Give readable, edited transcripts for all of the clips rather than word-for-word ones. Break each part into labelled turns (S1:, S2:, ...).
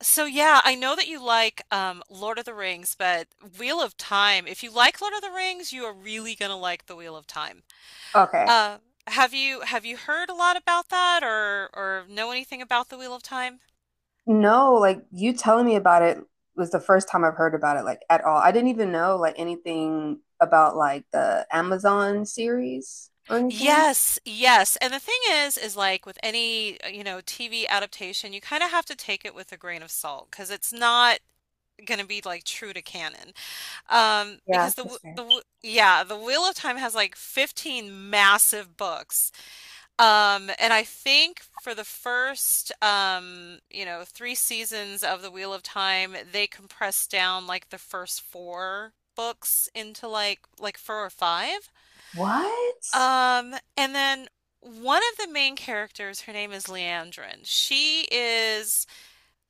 S1: So yeah, I know that you like Lord of the Rings, but Wheel of Time. If you like Lord of the Rings, you are really gonna like the Wheel of Time.
S2: Okay.
S1: Uh, have you heard a lot about that or know anything about the Wheel of Time?
S2: No, like you telling me about it was the first time I've heard about it like at all. I didn't even know like anything about like the Amazon series or anything.
S1: Yes. And the thing is like with any, you know, TV adaptation, you kind of have to take it with a grain of salt because it's not going to be like true to canon.
S2: Yeah,
S1: Because
S2: that's fair.
S1: the Wheel of Time has like 15 massive books. And I think for the first, you know, three seasons of The Wheel of Time, they compressed down like the first four books into like four or five.
S2: What?
S1: And then one of the main characters, her name is Leandrin. She is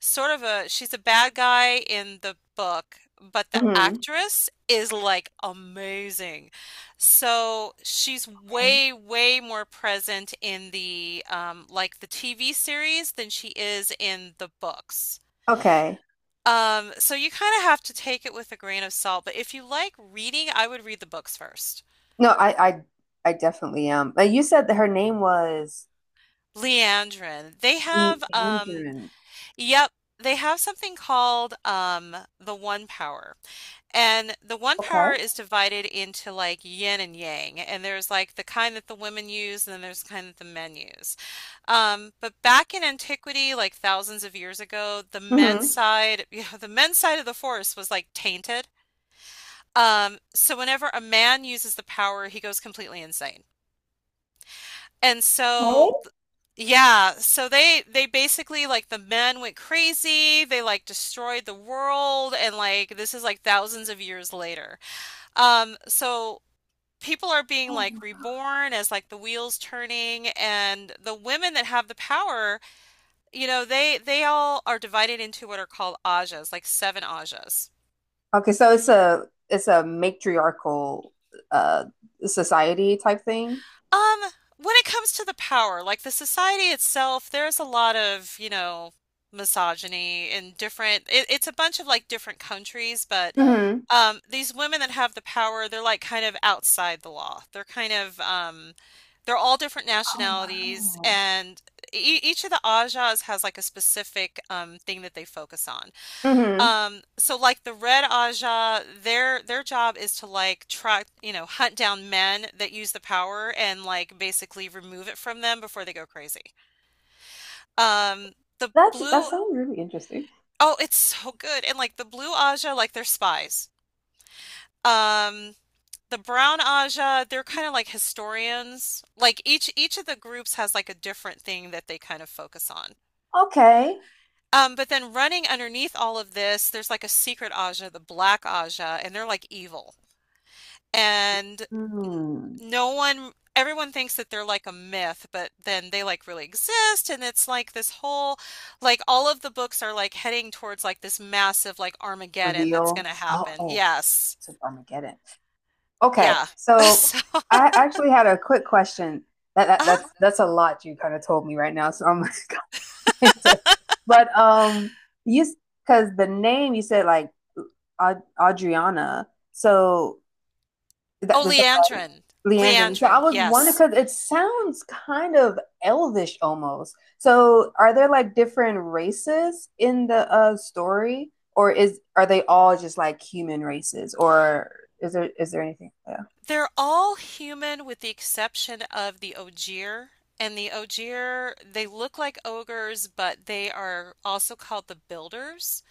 S1: sort of a she's a bad guy in the book, but the
S2: Hmm.
S1: actress is like amazing. So she's
S2: Okay.
S1: way, way more present in the like the TV series than she is in the books.
S2: Okay.
S1: So you kind of have to take it with a grain of salt, but if you like reading, I would read the books first.
S2: No, I definitely am. But you said that her name was
S1: Leandrin. They
S2: Lee
S1: have
S2: Andren.
S1: yep, they have something called the One Power. And the one
S2: Okay.
S1: power is divided into like yin and yang, and there's like the kind that the women use, and then there's the kind that the men use. But back in antiquity, like thousands of years ago, the men's
S2: Hmm.
S1: side, the men's side of the force was like tainted. So whenever a man uses the power, he goes completely insane. And
S2: Hey?
S1: so, yeah, so they basically like the men went crazy. They like destroyed the world, and like this is like thousands of years later. So people are being like
S2: Oh.
S1: reborn as like the wheels turning and the women that have the power, they all are divided into what are called ajas, like seven ajas.
S2: Okay, so it's a matriarchal uh society type thing.
S1: Um, when it comes to the power, like the society itself, there's a lot of, misogyny in different it's a bunch of like different countries, but these women that have the power, they're like kind of outside the law. They're kind of, they're all different
S2: Oh
S1: nationalities,
S2: wow.
S1: and e each of the Ajahs has like a specific thing that they focus on.
S2: Hmm.
S1: So like the Red Ajah, their job is to like try, you know, hunt down men that use the power and like basically remove it from them before they go crazy. Um, the
S2: That
S1: Blue,
S2: sounds really interesting.
S1: oh, it's so good, and like the Blue Ajah, like they're spies. Um, The Brown Aja, they're kind of like historians. Like each of the groups has like a different thing that they kind of focus on.
S2: Okay.
S1: But then running underneath all of this, there's like a secret Aja, the Black Aja, and they're like evil. And
S2: Hmm.
S1: no one, everyone thinks that they're like a myth, but then they like really exist. And it's like like all of the books are like heading towards like this massive like Armageddon that's going
S2: Reveal.
S1: to
S2: Oh,
S1: happen.
S2: oh,
S1: Yes.
S2: it's an Armageddon. Okay,
S1: Yeah.
S2: so
S1: So,
S2: I actually had a quick question. That, that that's
S1: uh-huh.
S2: that's a lot you kind of told me right now. So I'm, like, to, but you because the name you said like Ad Adriana. So Is that,
S1: Oh,
S2: is that right?
S1: Leandrin.
S2: Leandrin. So I
S1: Leandrin,
S2: was wondering
S1: yes.
S2: because it sounds kind of elvish almost. So are there like different races in the story, or is are they all just like human races, or is there anything? Yeah.
S1: They're all human with the exception of the Ogier. And the Ogier, they look like ogres, but they are also called the builders.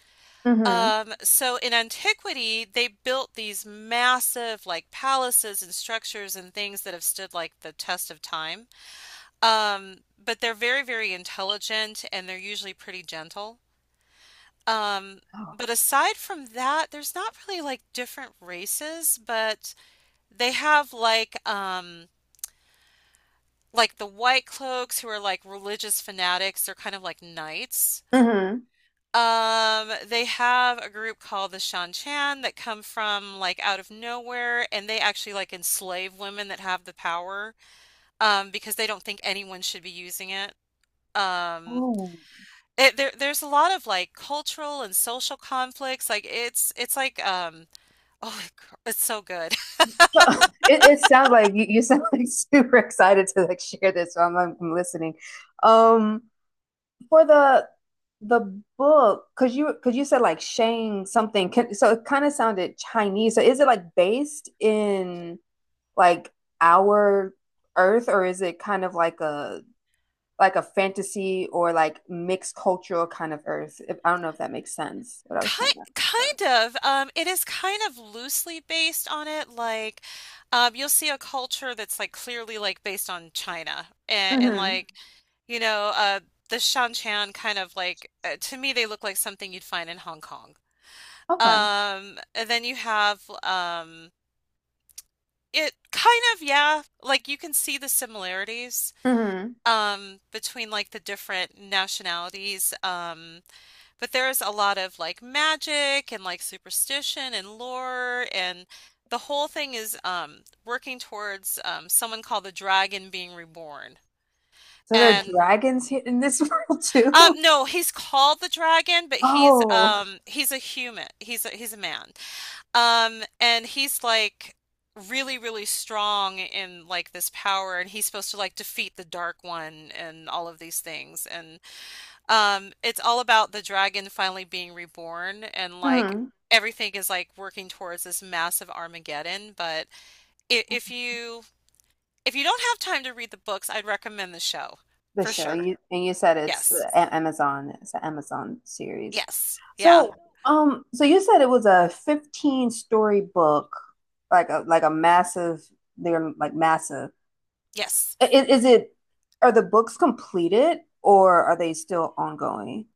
S2: Mm-hmm.
S1: So in antiquity, they built these massive like palaces and structures and things that have stood like the test of time. But they're very, very intelligent and they're usually pretty gentle. Um,
S2: Oh.
S1: but aside from that, there's not really like different races, but they have like the white cloaks who are like religious fanatics, they're kind of like knights.
S2: Mm-hmm.
S1: They have a group called the Shan Chan that come from like out of nowhere, and they actually like enslave women that have the power, because they don't think anyone should be using it. Um,
S2: Oh.
S1: there's a lot of like cultural and social conflicts. Like it's like oh, cr- it's so good.
S2: So it sounds like you sound like super excited to like share this, so I'm listening. Um, for the book, because you said like Shang something, can, so it kind of sounded Chinese. So is it like based in like our Earth, or is it kind of like a fantasy or like mixed cultural kind of Earth? If, I don't know if that makes sense. What I was trying to.
S1: Kind
S2: explain.
S1: kind of. It is kind of loosely based on it. You'll see a culture that's like clearly like based on China, and
S2: Mm-hmm.
S1: like, you know, the Shan Chan kind of like to me they look like something you'd find in Hong Kong.
S2: Okay.
S1: And then you have it kind of yeah, like you can see the similarities
S2: Mm-hmm.
S1: between like the different nationalities. But there's a lot of like magic and like superstition and lore and the whole thing is working towards someone called the dragon being reborn.
S2: So there are
S1: And
S2: dragons here in this world too.
S1: no, he's called the dragon, but
S2: Oh.
S1: he's a human. He's a man. And he's like really, really strong in like this power and he's supposed to like defeat the dark one and all of these things and it's all about the dragon finally being reborn and like
S2: Mm.
S1: everything is like working towards this massive Armageddon. But if, if you if you don't have time to read the books, I'd recommend the show
S2: The
S1: for
S2: show
S1: sure.
S2: you and you said
S1: Yes.
S2: Amazon. It's an Amazon series.
S1: Yes. Yeah.
S2: So, so you said it was a 15-story book, like a massive. They're like massive.
S1: Yes.
S2: I- Is, it? Are the books completed or are they still ongoing?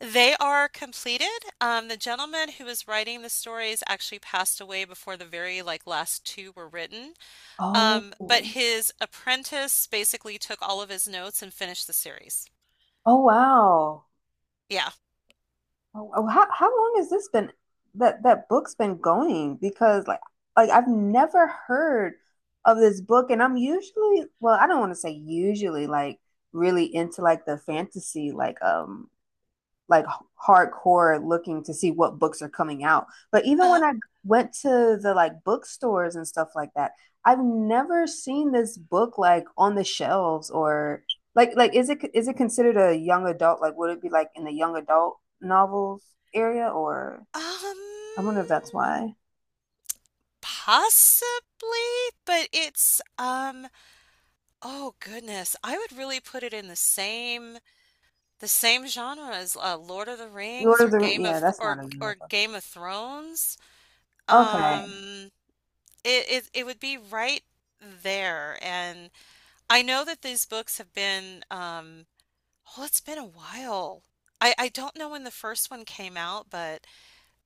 S1: They are completed. The gentleman who was writing the stories actually passed away before the very like last two were written.
S2: Oh,
S1: But his apprentice basically took all of his notes and finished the series.
S2: oh wow.
S1: Yeah.
S2: Oh, how long has this been that book's been going? Because like I've never heard of this book, and I'm usually well, I don't want to say usually like really into like the fantasy like hardcore looking to see what books are coming out. But even when I went to the like bookstores and stuff like that, I've never seen this book like on the shelves or like is it considered a young adult? Like would it be like in the young adult novels area or
S1: Um,
S2: I wonder if that's why.
S1: possibly, but it's oh goodness, I would really put it in the same genre as Lord of the
S2: Lord
S1: Rings
S2: of
S1: or
S2: the Ring- Yeah, that's not a young adult.
S1: Game of Thrones.
S2: Okay.
S1: Um, it would be right there, and I know that these books have been oh, it's been a while. I don't know when the first one came out, but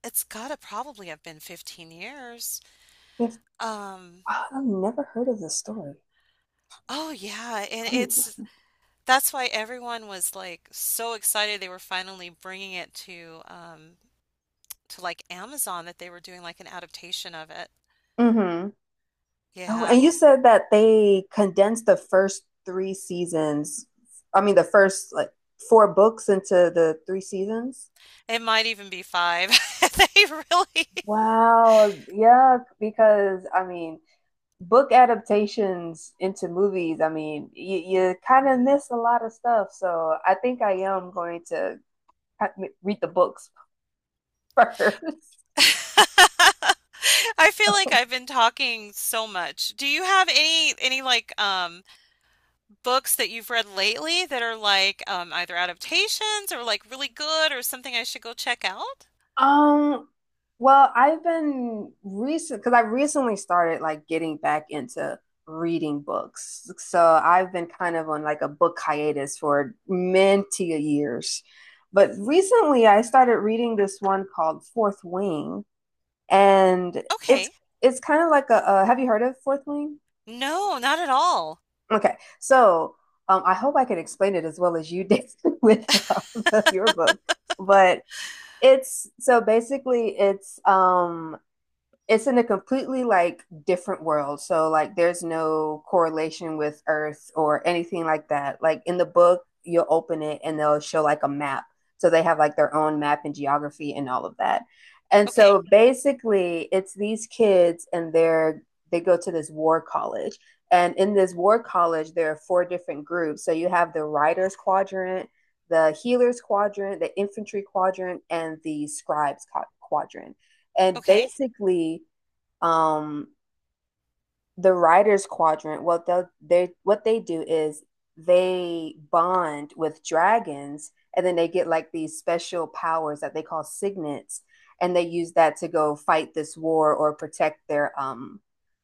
S1: it's gotta probably have been 15 years.
S2: Yes.
S1: Um,
S2: Wow, I've never heard of this story.
S1: Oh yeah, and
S2: I need
S1: it's
S2: to.
S1: that's why everyone was like so excited they were finally bringing it to like Amazon that they were doing like an adaptation of it.
S2: Hmm. Oh,
S1: Yeah,
S2: and you
S1: c-
S2: said that they condensed the first three seasons. I mean, the first like four books into the three seasons.
S1: it might even be five. They really
S2: Wow, yeah, because I mean, book adaptations into movies, I mean, you kind of miss a lot of stuff. So I think I am going to read the books first.
S1: I feel like I've been talking so much. Do you have any like books that you've read lately that are like either adaptations or like really good or something I should go check out?
S2: Um, well, I've been recent because I recently started like getting back into reading books. So I've been kind of on like a book hiatus for many years. But recently I started reading this one called Fourth Wing, and it's
S1: Okay.
S2: it's kind of like have you heard of Fourth Wing?
S1: No, not at all.
S2: Okay. So I hope I can explain it as well as you did with your book. But it's so basically it's in a completely like different world. So like there's no correlation with Earth or anything like that. Like in the book, you'll open it and they'll show like a map. So they have like their own map and geography and all of that. And
S1: Okay.
S2: so basically it's these kids and they go to this war college. And in this war college, there are four different groups. So you have the writers quadrant, the healers quadrant, the infantry quadrant, and the scribes quadrant. And
S1: Okay.
S2: basically, um the writers quadrant what they do is they bond with dragons and then they get like these special powers that they call signets and they use that to go fight this war or protect their um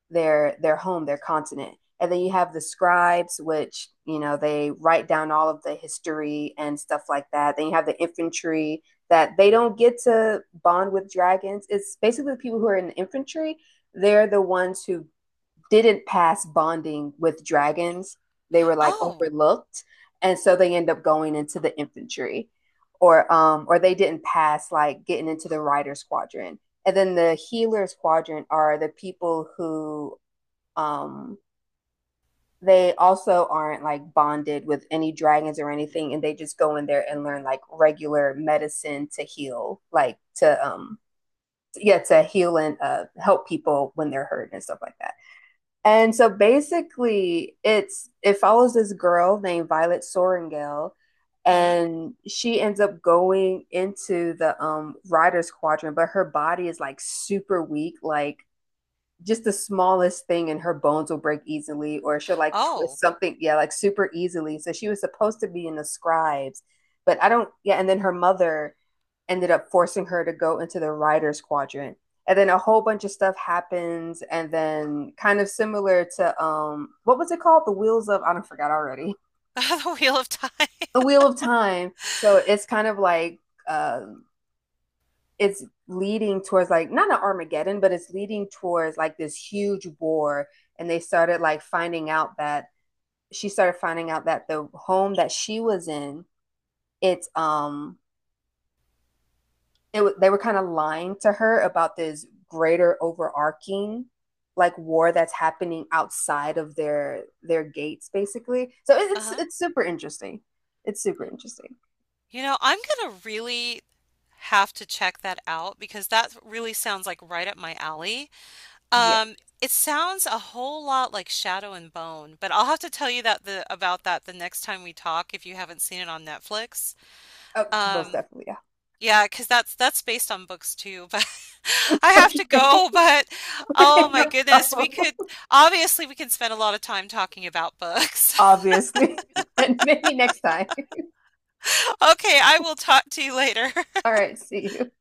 S2: their their home, their continent. And then you have the scribes, which they write down all of the history and stuff like that. Then you have the infantry that they don't get to bond with dragons. It's basically the people who are in the infantry. They're the ones who didn't pass bonding with dragons. They were like
S1: Oh.
S2: overlooked, and so they end up going into the infantry, or they didn't pass like getting into the rider squadron. And then the healers quadrant are the people who um, they also aren't like bonded with any dragons or anything, and they just go in there and learn like regular medicine to heal, and help people when they're hurt and stuff like that. And so basically, it follows this girl named Violet Soringale,
S1: Mhm.
S2: and she ends up going into the riders quadrant, but her body is like super weak, like just the smallest thing and her bones will break easily or she'll like twist
S1: Oh.
S2: something, yeah, like super easily. So she was supposed to be in the scribes, but I don't. Yeah. And then her mother ended up forcing her to go into the writers quadrant, and then a whole bunch of stuff happens, and then kind of similar to what was it called, the wheels of, I don't, forgot already.
S1: The Wheel of Time.
S2: The wheel of time. So it's kind of like uh, it's leading towards like not an Armageddon, but it's leading towards like this huge war. And they started like finding out that she started finding out that the home that she was in, it's it they were kind of lying to her about this greater overarching like war that's happening outside of their gates, basically. So it's
S1: Uh-huh.
S2: it's super interesting, it's super interesting.
S1: You know, I'm gonna really have to check that out because that really sounds like right up my alley.
S2: Yeah.
S1: Um, it sounds a whole lot like Shadow and Bone, but I'll have to tell you that the about that the next time we talk if you haven't seen it on Netflix.
S2: uh, Most
S1: Um,
S2: definitely. Yeah.
S1: yeah, because that's based on books too, but I have
S2: Okay.
S1: to go, but oh
S2: No
S1: my goodness, we
S2: problem.
S1: could obviously we can spend a lot of time talking about books.
S2: Obviously. But maybe next time.
S1: Okay, I will talk to you later.
S2: All right, see you.